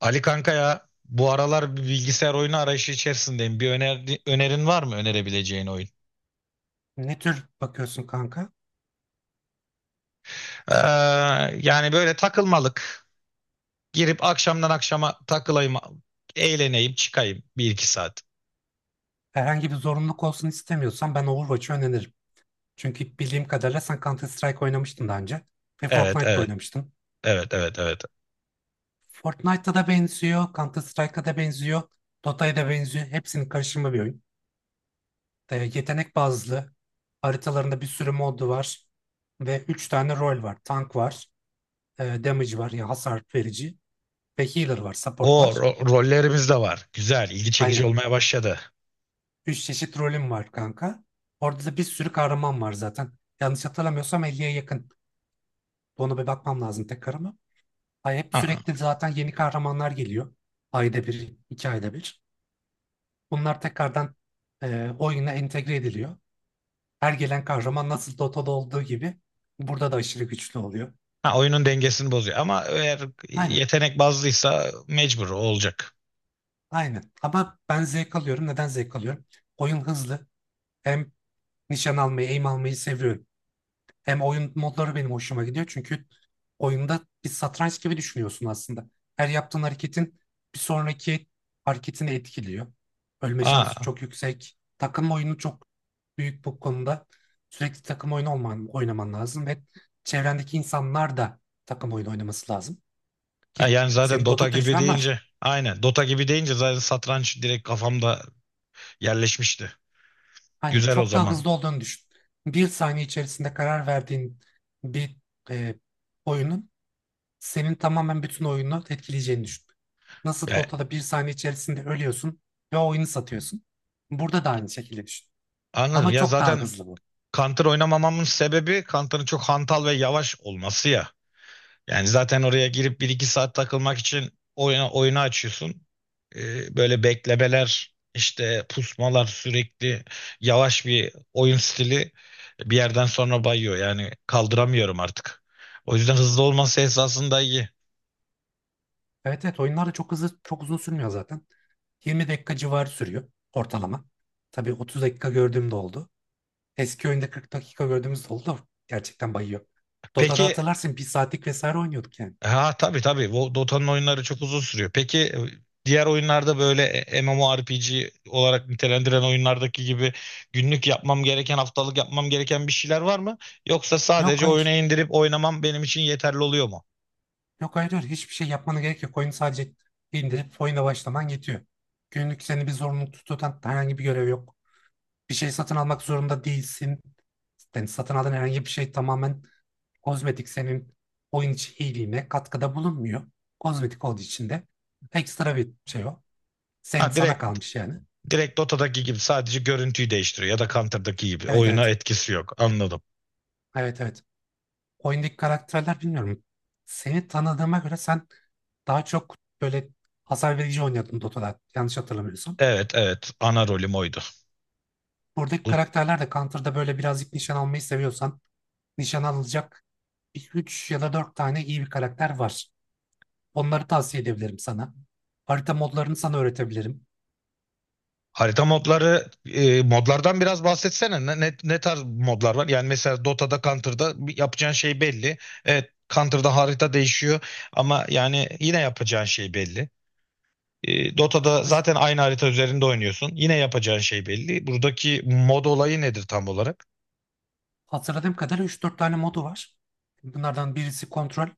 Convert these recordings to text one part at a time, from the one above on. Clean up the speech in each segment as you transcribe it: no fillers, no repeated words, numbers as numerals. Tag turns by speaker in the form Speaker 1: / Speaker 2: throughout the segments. Speaker 1: Ali kanka ya bu aralar bir bilgisayar oyunu arayışı içerisindeyim. Önerin var mı önerebileceğin oyun?
Speaker 2: Ne tür bakıyorsun kanka?
Speaker 1: Ee, Yani böyle takılmalık. Girip akşamdan akşama takılayım, eğleneyim, çıkayım bir iki saat.
Speaker 2: Herhangi bir zorunluluk olsun istemiyorsan ben Overwatch'ı öneririm. Çünkü bildiğim kadarıyla sen Counter Strike oynamıştın daha önce. Ve
Speaker 1: Evet,
Speaker 2: Fortnite'da
Speaker 1: evet,
Speaker 2: oynamıştın.
Speaker 1: evet, evet, evet.
Speaker 2: Fortnite'da da benziyor, Counter Strike'a da benziyor, Dota'ya da benziyor. Hepsinin karışımı bir oyun. E, yetenek bazlı. Haritalarında bir sürü modu var. Ve 3 tane rol var. Tank var, damage var, yani hasar verici. Ve healer var, support var.
Speaker 1: Rollerimiz de var. Güzel, ilgi çekici
Speaker 2: Aynen.
Speaker 1: olmaya başladı.
Speaker 2: Üç çeşit rolüm var kanka. Orada da bir sürü kahraman var zaten. Yanlış hatırlamıyorsam 50'ye yakın. Ona bir bakmam lazım tekrar ama. Ay hep
Speaker 1: Ha,
Speaker 2: sürekli zaten yeni kahramanlar geliyor. Ayda bir, iki ayda bir. Bunlar tekrardan oyuna entegre ediliyor. Her gelen kahraman nasıl Dota'da olduğu gibi burada da aşırı güçlü oluyor.
Speaker 1: ha, Oyunun dengesini bozuyor ama eğer
Speaker 2: Aynen,
Speaker 1: yetenek bazlıysa mecbur olacak.
Speaker 2: aynen. Ama ben zevk alıyorum. Neden zevk alıyorum? Oyun hızlı. Hem nişan almayı, aim almayı seviyorum. Hem oyun modları benim hoşuma gidiyor çünkü oyunda bir satranç gibi düşünüyorsun aslında. Her yaptığın hareketin bir sonraki hareketini etkiliyor. Ölme şansı
Speaker 1: Ha,
Speaker 2: çok yüksek. Takım oyunu çok büyük bu konuda. Sürekli takım oyunu olman, oynaman lazım ve çevrendeki insanlar da takım oyunu oynaması lazım.
Speaker 1: ha,
Speaker 2: Ki
Speaker 1: Yani zaten
Speaker 2: senin
Speaker 1: Dota
Speaker 2: Dota
Speaker 1: gibi
Speaker 2: tecrüben var.
Speaker 1: deyince aynen. Dota gibi deyince zaten satranç direkt kafamda yerleşmişti.
Speaker 2: Aynen
Speaker 1: Güzel o
Speaker 2: çok daha
Speaker 1: zaman.
Speaker 2: hızlı olduğunu düşün. Bir saniye içerisinde karar verdiğin bir e, oyunun senin tamamen bütün oyunu etkileyeceğini düşün. Nasıl
Speaker 1: Ya,
Speaker 2: Dota'da bir saniye içerisinde ölüyorsun ve o oyunu satıyorsun. Burada da aynı şekilde düşün.
Speaker 1: Anladım.
Speaker 2: Ama
Speaker 1: Ya
Speaker 2: çok daha
Speaker 1: zaten
Speaker 2: hızlı bu.
Speaker 1: Counter oynamamamın sebebi Counter'ın çok hantal ve yavaş olması ya. Yani zaten oraya girip bir iki saat takılmak için oyunu açıyorsun. Böyle beklemeler, işte pusmalar sürekli yavaş bir oyun stili bir yerden sonra bayıyor. Yani kaldıramıyorum artık. O yüzden hızlı olması esasında iyi.
Speaker 2: Evet evet, oyunlar da çok hızlı, çok uzun sürmüyor zaten. 20 dakika civarı sürüyor ortalama. Tabii 30 dakika gördüğüm de oldu. Eski oyunda 40 dakika gördüğümüz de oldu da gerçekten bayıyor. Dota'da
Speaker 1: Peki,
Speaker 2: hatırlarsın bir saatlik vesaire oynuyorduk yani.
Speaker 1: ha tabii tabii. Dota'nın oyunları çok uzun sürüyor. Peki, diğer oyunlarda böyle, MMORPG olarak nitelendiren oyunlardaki gibi günlük yapmam gereken, haftalık yapmam gereken bir şeyler var mı? Yoksa
Speaker 2: Yok,
Speaker 1: sadece oyuna
Speaker 2: hayır.
Speaker 1: indirip oynamam benim için yeterli oluyor mu?
Speaker 2: Yok hayır, hayır, hiçbir şey yapmana gerek yok. Oyunu sadece indirip oyuna başlaman yetiyor. Günlük seni bir zorunlu tutan herhangi bir görev yok. Bir şey satın almak zorunda değilsin. Yani satın aldığın herhangi bir şey tamamen kozmetik, senin oyun içi iyiliğine katkıda bulunmuyor. Kozmetik olduğu için de ekstra bir şey o.
Speaker 1: Ha
Speaker 2: Sen sana
Speaker 1: direkt,
Speaker 2: kalmış yani.
Speaker 1: direkt Dota'daki gibi sadece görüntüyü değiştiriyor ya da Counter'daki gibi
Speaker 2: Evet,
Speaker 1: oyuna
Speaker 2: evet.
Speaker 1: etkisi yok. Anladım.
Speaker 2: Evet, evet. Oyundaki karakterler bilmiyorum. Seni tanıdığıma göre sen daha çok böyle hasar verici oynuyordun Dota'da. Yanlış hatırlamıyorsam.
Speaker 1: Evet evet, ana rolüm oydu.
Speaker 2: Buradaki
Speaker 1: Bu
Speaker 2: karakterler de Counter'da böyle birazcık nişan almayı seviyorsan nişan alacak 3 ya da 4 tane iyi bir karakter var. Onları tavsiye edebilirim sana. Harita modlarını sana öğretebilirim.
Speaker 1: harita modları, modlardan biraz bahsetsene. Ne tarz modlar var? Yani mesela Dota'da, Counter'da bir yapacağın şey belli. Evet, Counter'da harita değişiyor ama yani yine yapacağın şey belli. E, Dota'da
Speaker 2: Üç-
Speaker 1: zaten aynı harita üzerinde oynuyorsun. Yine yapacağın şey belli. Buradaki mod olayı nedir tam olarak?
Speaker 2: Hatırladığım kadarıyla 3-4 tane modu var. Bunlardan birisi kontrol,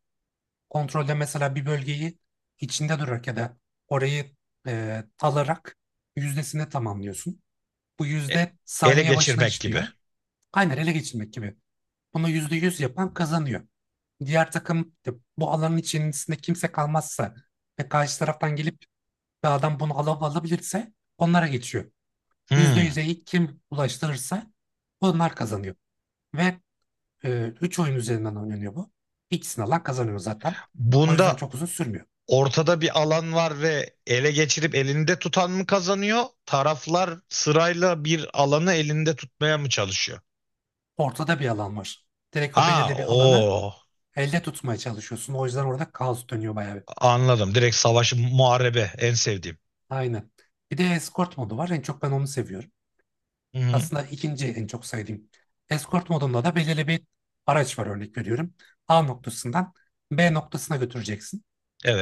Speaker 2: kontrolde mesela bir bölgeyi içinde durarak ya da orayı talarak yüzdesini tamamlıyorsun. Bu
Speaker 1: E,
Speaker 2: yüzde
Speaker 1: Ele
Speaker 2: saniye başına
Speaker 1: geçirmek gibi.
Speaker 2: işliyor. Aynen, ele geçirmek gibi. Bunu yüzde yüz yapan kazanıyor. Diğer takım de bu alanın içerisinde kimse kalmazsa ve karşı taraftan gelip bir adam bunu alıp alabilirse onlara geçiyor. Yüzde
Speaker 1: Hmm.
Speaker 2: yüze ilk kim ulaştırırsa onlar kazanıyor. Ve üç oyun üzerinden oynanıyor bu. İkisini alan kazanıyor zaten. O yüzden
Speaker 1: Bunda
Speaker 2: çok uzun sürmüyor.
Speaker 1: ortada bir alan var ve ele geçirip elinde tutan mı kazanıyor? Taraflar sırayla bir alanı elinde tutmaya mı çalışıyor?
Speaker 2: Ortada bir alan var. Direkt o
Speaker 1: Ha
Speaker 2: belirli bir alana
Speaker 1: o
Speaker 2: elde tutmaya çalışıyorsun. O yüzden orada kaos dönüyor bayağı bir.
Speaker 1: Anladım. Direkt savaşı muharebe en sevdiğim.
Speaker 2: Aynen. Bir de escort modu var. En çok ben onu seviyorum.
Speaker 1: Hı hı.
Speaker 2: Aslında ikinci en çok sevdiğim. Escort modunda da belirli bir araç var, örnek veriyorum. A noktasından B noktasına götüreceksin.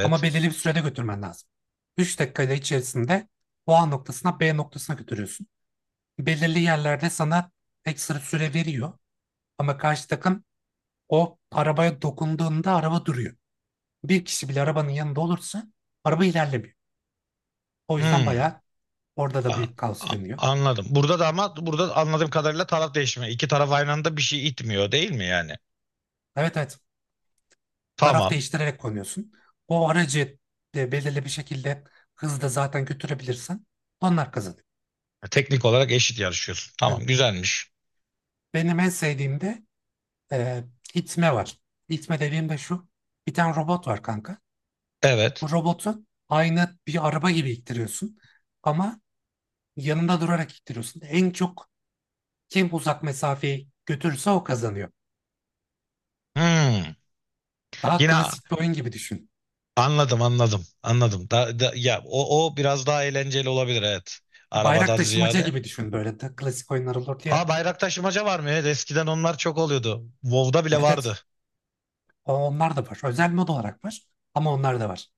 Speaker 2: Ama belirli bir sürede götürmen lazım. 3 dakikayla içerisinde o A noktasına B noktasına götürüyorsun. Belirli yerlerde sana ekstra süre veriyor. Ama karşı takım o arabaya dokunduğunda araba duruyor. Bir kişi bile arabanın yanında olursa araba ilerlemiyor. O yüzden
Speaker 1: Hı.
Speaker 2: bayağı orada da
Speaker 1: A-
Speaker 2: büyük kaos dönüyor.
Speaker 1: Anladım. Burada da, ama burada anladığım kadarıyla taraf değişimi. İki taraf aynı anda bir şey itmiyor değil mi yani?
Speaker 2: Evet, evet. Taraf
Speaker 1: Tamam.
Speaker 2: değiştirerek konuyorsun. O aracı de belirli bir şekilde hızda zaten götürebilirsen onlar kazanıyor.
Speaker 1: Teknik olarak eşit yarışıyorsun.
Speaker 2: Yani
Speaker 1: Tamam, güzelmiş.
Speaker 2: benim en sevdiğim de e, itme var. İtme dediğim de şu. Bir tane robot var kanka.
Speaker 1: Evet.
Speaker 2: Bu robotu aynı bir araba gibi ittiriyorsun. Ama yanında durarak ittiriyorsun. En çok kim uzak mesafeyi götürürse o kazanıyor.
Speaker 1: Hı.
Speaker 2: Daha
Speaker 1: Yine a-
Speaker 2: klasik bir oyun gibi düşün.
Speaker 1: Anladım, anladım, anladım. Ya o, o biraz daha eğlenceli olabilir, evet.
Speaker 2: Bayrak
Speaker 1: Arabadan
Speaker 2: taşımaca
Speaker 1: ziyade.
Speaker 2: gibi düşün, böyle de klasik oyunlar olurdu
Speaker 1: Aa,
Speaker 2: ya.
Speaker 1: bayrak taşımaca var mı? Evet, eskiden onlar çok oluyordu. WoW'da bile
Speaker 2: Evet,
Speaker 1: vardı.
Speaker 2: evet. Onlar da var. Özel mod olarak var. Ama onlar da var.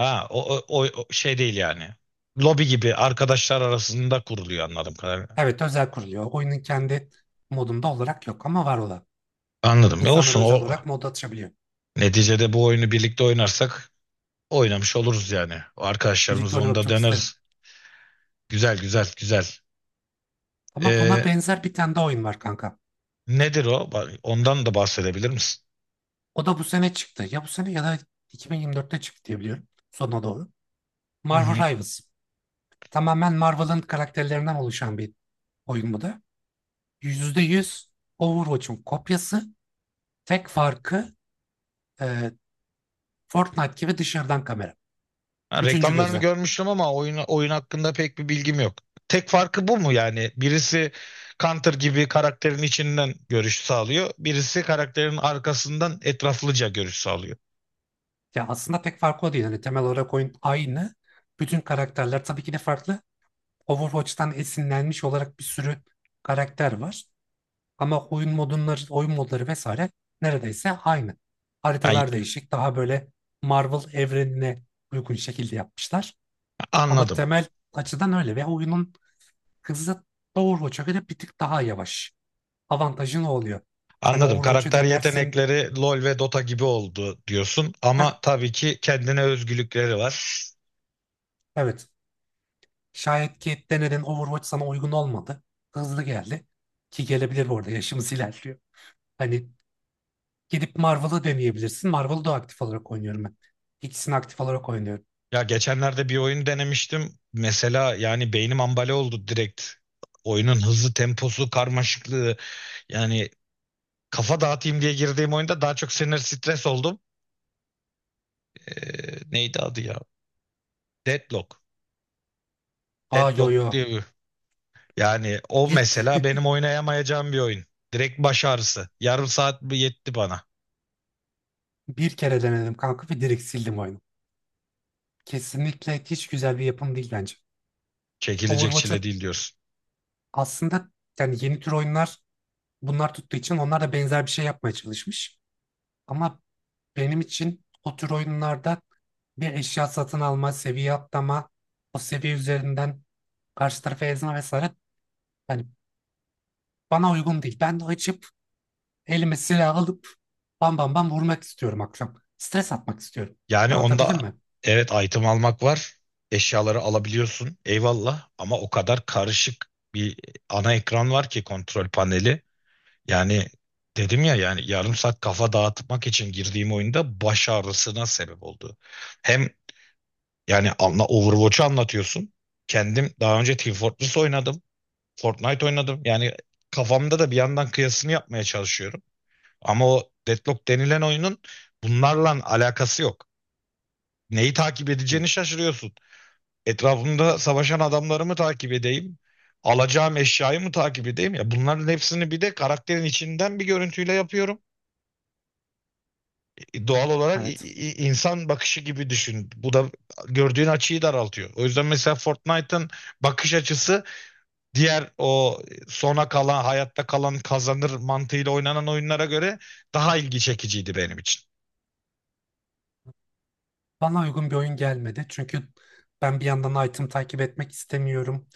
Speaker 1: O şey değil yani. Lobi gibi arkadaşlar arasında kuruluyor anladım kadarıyla.
Speaker 2: Evet, özel kuruluyor. Oyunun kendi modunda olarak yok ama var olan.
Speaker 1: Anladım. Ya
Speaker 2: İnsanlar
Speaker 1: olsun,
Speaker 2: özel
Speaker 1: o
Speaker 2: olarak mod atışabiliyor.
Speaker 1: neticede bu oyunu birlikte oynarsak oynamış oluruz yani. O arkadaşlarımız,
Speaker 2: Birlikte
Speaker 1: onu
Speaker 2: oynamak
Speaker 1: da
Speaker 2: çok isterim.
Speaker 1: deneriz. Güzel, güzel, güzel.
Speaker 2: Ama buna
Speaker 1: Ee,
Speaker 2: benzer bir tane daha oyun var kanka.
Speaker 1: Nedir o? Ondan da bahsedebilir misin?
Speaker 2: O da bu sene çıktı. Ya bu sene ya da 2024'te çıktı diye biliyorum. Sonuna doğru.
Speaker 1: Hı
Speaker 2: Marvel
Speaker 1: hı.
Speaker 2: Rivals. Tamamen Marvel'ın karakterlerinden oluşan bir oyun bu da. Yüzde yüz Overwatch'un kopyası. Tek farkı e, Fortnite gibi dışarıdan kamera.
Speaker 1: Ha,
Speaker 2: Üçüncü
Speaker 1: reklamlarını
Speaker 2: gözlem.
Speaker 1: görmüştüm ama oyun hakkında pek bir bilgim yok. Tek farkı bu mu yani? Birisi Counter gibi karakterin içinden görüş sağlıyor. Birisi karakterin arkasından etraflıca görüş sağlıyor.
Speaker 2: Ya aslında pek farkı o değil. Hani temel olarak oyun aynı. Bütün karakterler tabii ki de farklı. Overwatch'tan esinlenmiş olarak bir sürü karakter var. Ama oyun modunları, oyun modları vesaire neredeyse aynı.
Speaker 1: Ay,
Speaker 2: Haritalar değişik. Daha böyle Marvel evrenine uygun şekilde yapmışlar. Ama
Speaker 1: Anladım.
Speaker 2: temel açıdan öyle ve oyunun hızı Overwatch'a göre bir tık daha yavaş. Avantajı ne oluyor? Hani
Speaker 1: Anladım.
Speaker 2: Overwatch'u
Speaker 1: Karakter
Speaker 2: denersin.
Speaker 1: yetenekleri LoL ve Dota gibi oldu diyorsun
Speaker 2: Hah,
Speaker 1: ama tabii ki kendine özgülükleri var.
Speaker 2: evet. Şayet Cade Denner'in Overwatch sana uygun olmadı. Hızlı geldi. Ki gelebilir, bu arada yaşımız ilerliyor. Hani gidip Marvel'ı deneyebilirsin. Marvel'ı da aktif olarak oynuyorum ben. İkisini aktif olarak oynuyorum.
Speaker 1: Ya geçenlerde bir oyun denemiştim. Mesela yani beynim ambale oldu direkt. Oyunun hızı, temposu, karmaşıklığı. Yani kafa dağıtayım diye girdiğim oyunda daha çok sinir stres oldum. Neydi adı ya? Deadlock.
Speaker 2: Aa, yo
Speaker 1: Deadlock
Speaker 2: yo.
Speaker 1: diye bir. Yani o
Speaker 2: Bir,
Speaker 1: mesela benim oynayamayacağım bir oyun. Direkt baş ağrısı. Yarım saat mi yetti bana.
Speaker 2: bir kere denedim kanka ve direkt sildim oyunu. Kesinlikle hiç güzel bir yapım değil bence.
Speaker 1: Çekilecek
Speaker 2: Overwatch'a
Speaker 1: çile değil diyorsun.
Speaker 2: aslında, yani yeni tür oyunlar bunlar tuttuğu için onlar da benzer bir şey yapmaya çalışmış. Ama benim için o tür oyunlarda bir eşya satın alma, seviye atlama, o seviye üzerinden karşı tarafa ezme vesaire, yani bana uygun değil. Ben de açıp elime silah alıp bam bam bam vurmak istiyorum akşam. Stres atmak istiyorum.
Speaker 1: Yani
Speaker 2: Anlatabildim
Speaker 1: onda
Speaker 2: mi?
Speaker 1: evet, item almak var. Eşyaları alabiliyorsun. Eyvallah, ama o kadar karışık bir ana ekran var ki, kontrol paneli. Yani dedim ya, yani yarım saat kafa dağıtmak için girdiğim oyunda baş ağrısına sebep oldu. Hem yani anla, Overwatch'u anlatıyorsun. Kendim daha önce Team Fortress oynadım. Fortnite oynadım. Yani kafamda da bir yandan kıyasını yapmaya çalışıyorum. Ama o Deadlock denilen oyunun bunlarla alakası yok. Neyi takip edeceğini
Speaker 2: Evet.
Speaker 1: şaşırıyorsun. Etrafımda savaşan adamları mı takip edeyim? Alacağım eşyayı mı takip edeyim? Ya bunların hepsini bir de karakterin içinden bir görüntüyle yapıyorum. E, doğal olarak
Speaker 2: Evet.
Speaker 1: insan bakışı gibi düşün. Bu da gördüğün açıyı daraltıyor. O yüzden mesela Fortnite'ın bakış açısı diğer o sona kalan, hayatta kalan kazanır mantığıyla oynanan oyunlara göre daha ilgi çekiciydi benim için.
Speaker 2: Bana uygun bir oyun gelmedi. Çünkü ben bir yandan item takip etmek istemiyorum.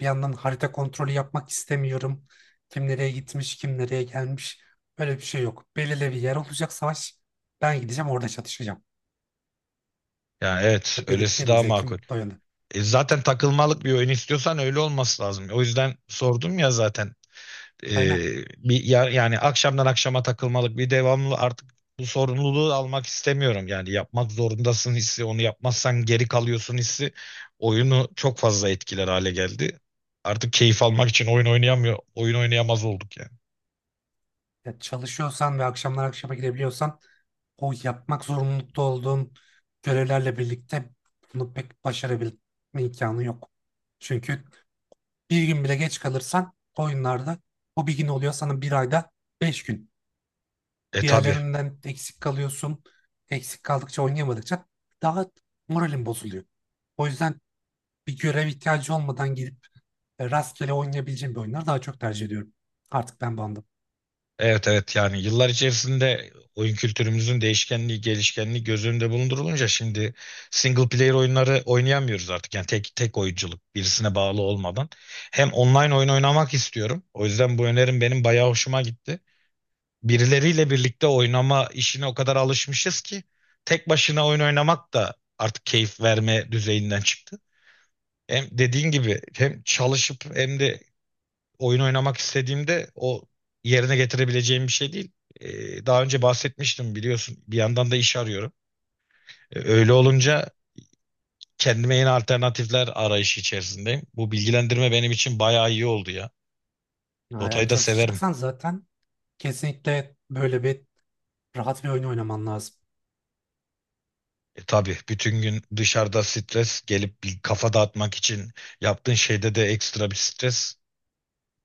Speaker 2: Bir yandan harita kontrolü yapmak istemiyorum. Kim nereye gitmiş, kim nereye gelmiş. Böyle bir şey yok. Belirli bir yer olacak savaş. Ben gideceğim orada çatışacağım.
Speaker 1: Yani evet,
Speaker 2: Ya benim,
Speaker 1: öylesi
Speaker 2: benim
Speaker 1: daha makul.
Speaker 2: zevkim bu yönde.
Speaker 1: E, zaten takılmalık bir oyun istiyorsan öyle olması lazım. O yüzden sordum ya zaten. E,
Speaker 2: Aynen.
Speaker 1: Bir yani akşamdan akşama takılmalık bir devamlı, artık bu sorumluluğu almak istemiyorum. Yani yapmak zorundasın hissi, onu yapmazsan geri kalıyorsun hissi oyunu çok fazla etkiler hale geldi. Artık keyif almak için oyun oynayamaz olduk yani.
Speaker 2: Ya çalışıyorsan ve akşamlar akşama girebiliyorsan o yapmak zorunlulukta olduğun görevlerle birlikte bunu pek başarabilme imkanı yok. Çünkü bir gün bile geç kalırsan oyunlarda o bir gün oluyor sana bir ayda 5 gün.
Speaker 1: E tabi.
Speaker 2: Diğerlerinden eksik kalıyorsun. Eksik kaldıkça, oynayamadıkça daha moralin bozuluyor. O yüzden bir görev ihtiyacı olmadan gidip rastgele oynayabileceğim bir oyunları daha çok tercih ediyorum. Artık ben bandım.
Speaker 1: Evet evet, yani yıllar içerisinde oyun kültürümüzün değişkenliği, gelişkenliği göz önünde bulundurulunca şimdi single player oyunları oynayamıyoruz artık. Yani tek tek oyunculuk, birisine bağlı olmadan. Hem online oyun oynamak istiyorum. O yüzden bu önerim benim bayağı hoşuma gitti. Birileriyle birlikte oynama işine o kadar alışmışız ki tek başına oyun oynamak da artık keyif verme düzeyinden çıktı. Hem dediğin gibi hem çalışıp hem de oyun oynamak istediğimde o yerine getirebileceğim bir şey değil. Daha önce bahsetmiştim biliyorsun. Bir yandan da iş arıyorum. Öyle
Speaker 2: Hı hı.
Speaker 1: olunca kendime yeni alternatifler arayışı içerisindeyim. Bu bilgilendirme benim için bayağı iyi oldu ya.
Speaker 2: Eğer
Speaker 1: Dota'yı da severim.
Speaker 2: çalışacaksan zaten kesinlikle böyle bir rahat bir oyun oynaman lazım.
Speaker 1: E, tabii bütün gün dışarıda stres gelip bir kafa dağıtmak için yaptığın şeyde de ekstra bir stres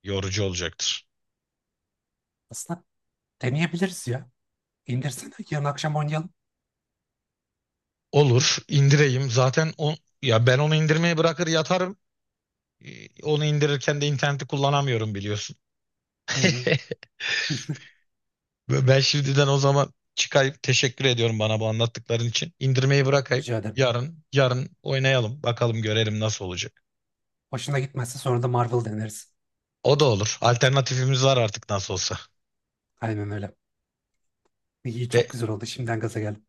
Speaker 1: yorucu olacaktır.
Speaker 2: Aslında deneyebiliriz ya. İndirsene, yarın akşam oynayalım.
Speaker 1: Olur, indireyim. Zaten o, ya ben onu indirmeye bırakır yatarım. Onu indirirken de interneti kullanamıyorum biliyorsun.
Speaker 2: Hı hı.
Speaker 1: Ben şimdiden o zaman çıkayıp teşekkür ediyorum bana bu anlattıkların için. İndirmeyi bırakayım.
Speaker 2: Rica ederim.
Speaker 1: Yarın oynayalım. Bakalım görelim nasıl olacak.
Speaker 2: Hoşuna gitmezse sonra da Marvel deneriz.
Speaker 1: O da olur. Alternatifimiz var artık nasıl olsa.
Speaker 2: Aynen öyle. İyi, çok
Speaker 1: De,
Speaker 2: güzel oldu. Şimdiden gaza geldim.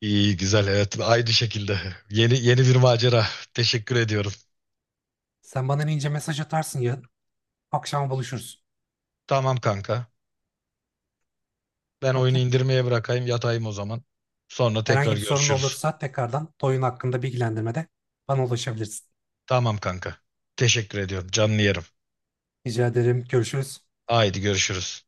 Speaker 1: iyi güzel, evet, aynı şekilde. Yeni yeni bir macera. Teşekkür ediyorum.
Speaker 2: Sen bana ince mesaj atarsın ya. Akşama buluşuruz.
Speaker 1: Tamam kanka. Ben oyunu
Speaker 2: Okey.
Speaker 1: indirmeye bırakayım, yatayım o zaman. Sonra
Speaker 2: Herhangi
Speaker 1: tekrar
Speaker 2: bir sorun
Speaker 1: görüşürüz.
Speaker 2: olursa tekrardan oyun hakkında bilgilendirmede bana ulaşabilirsin.
Speaker 1: Tamam kanka. Teşekkür ediyorum. Canlı yerim.
Speaker 2: Rica ederim. Görüşürüz.
Speaker 1: Haydi görüşürüz.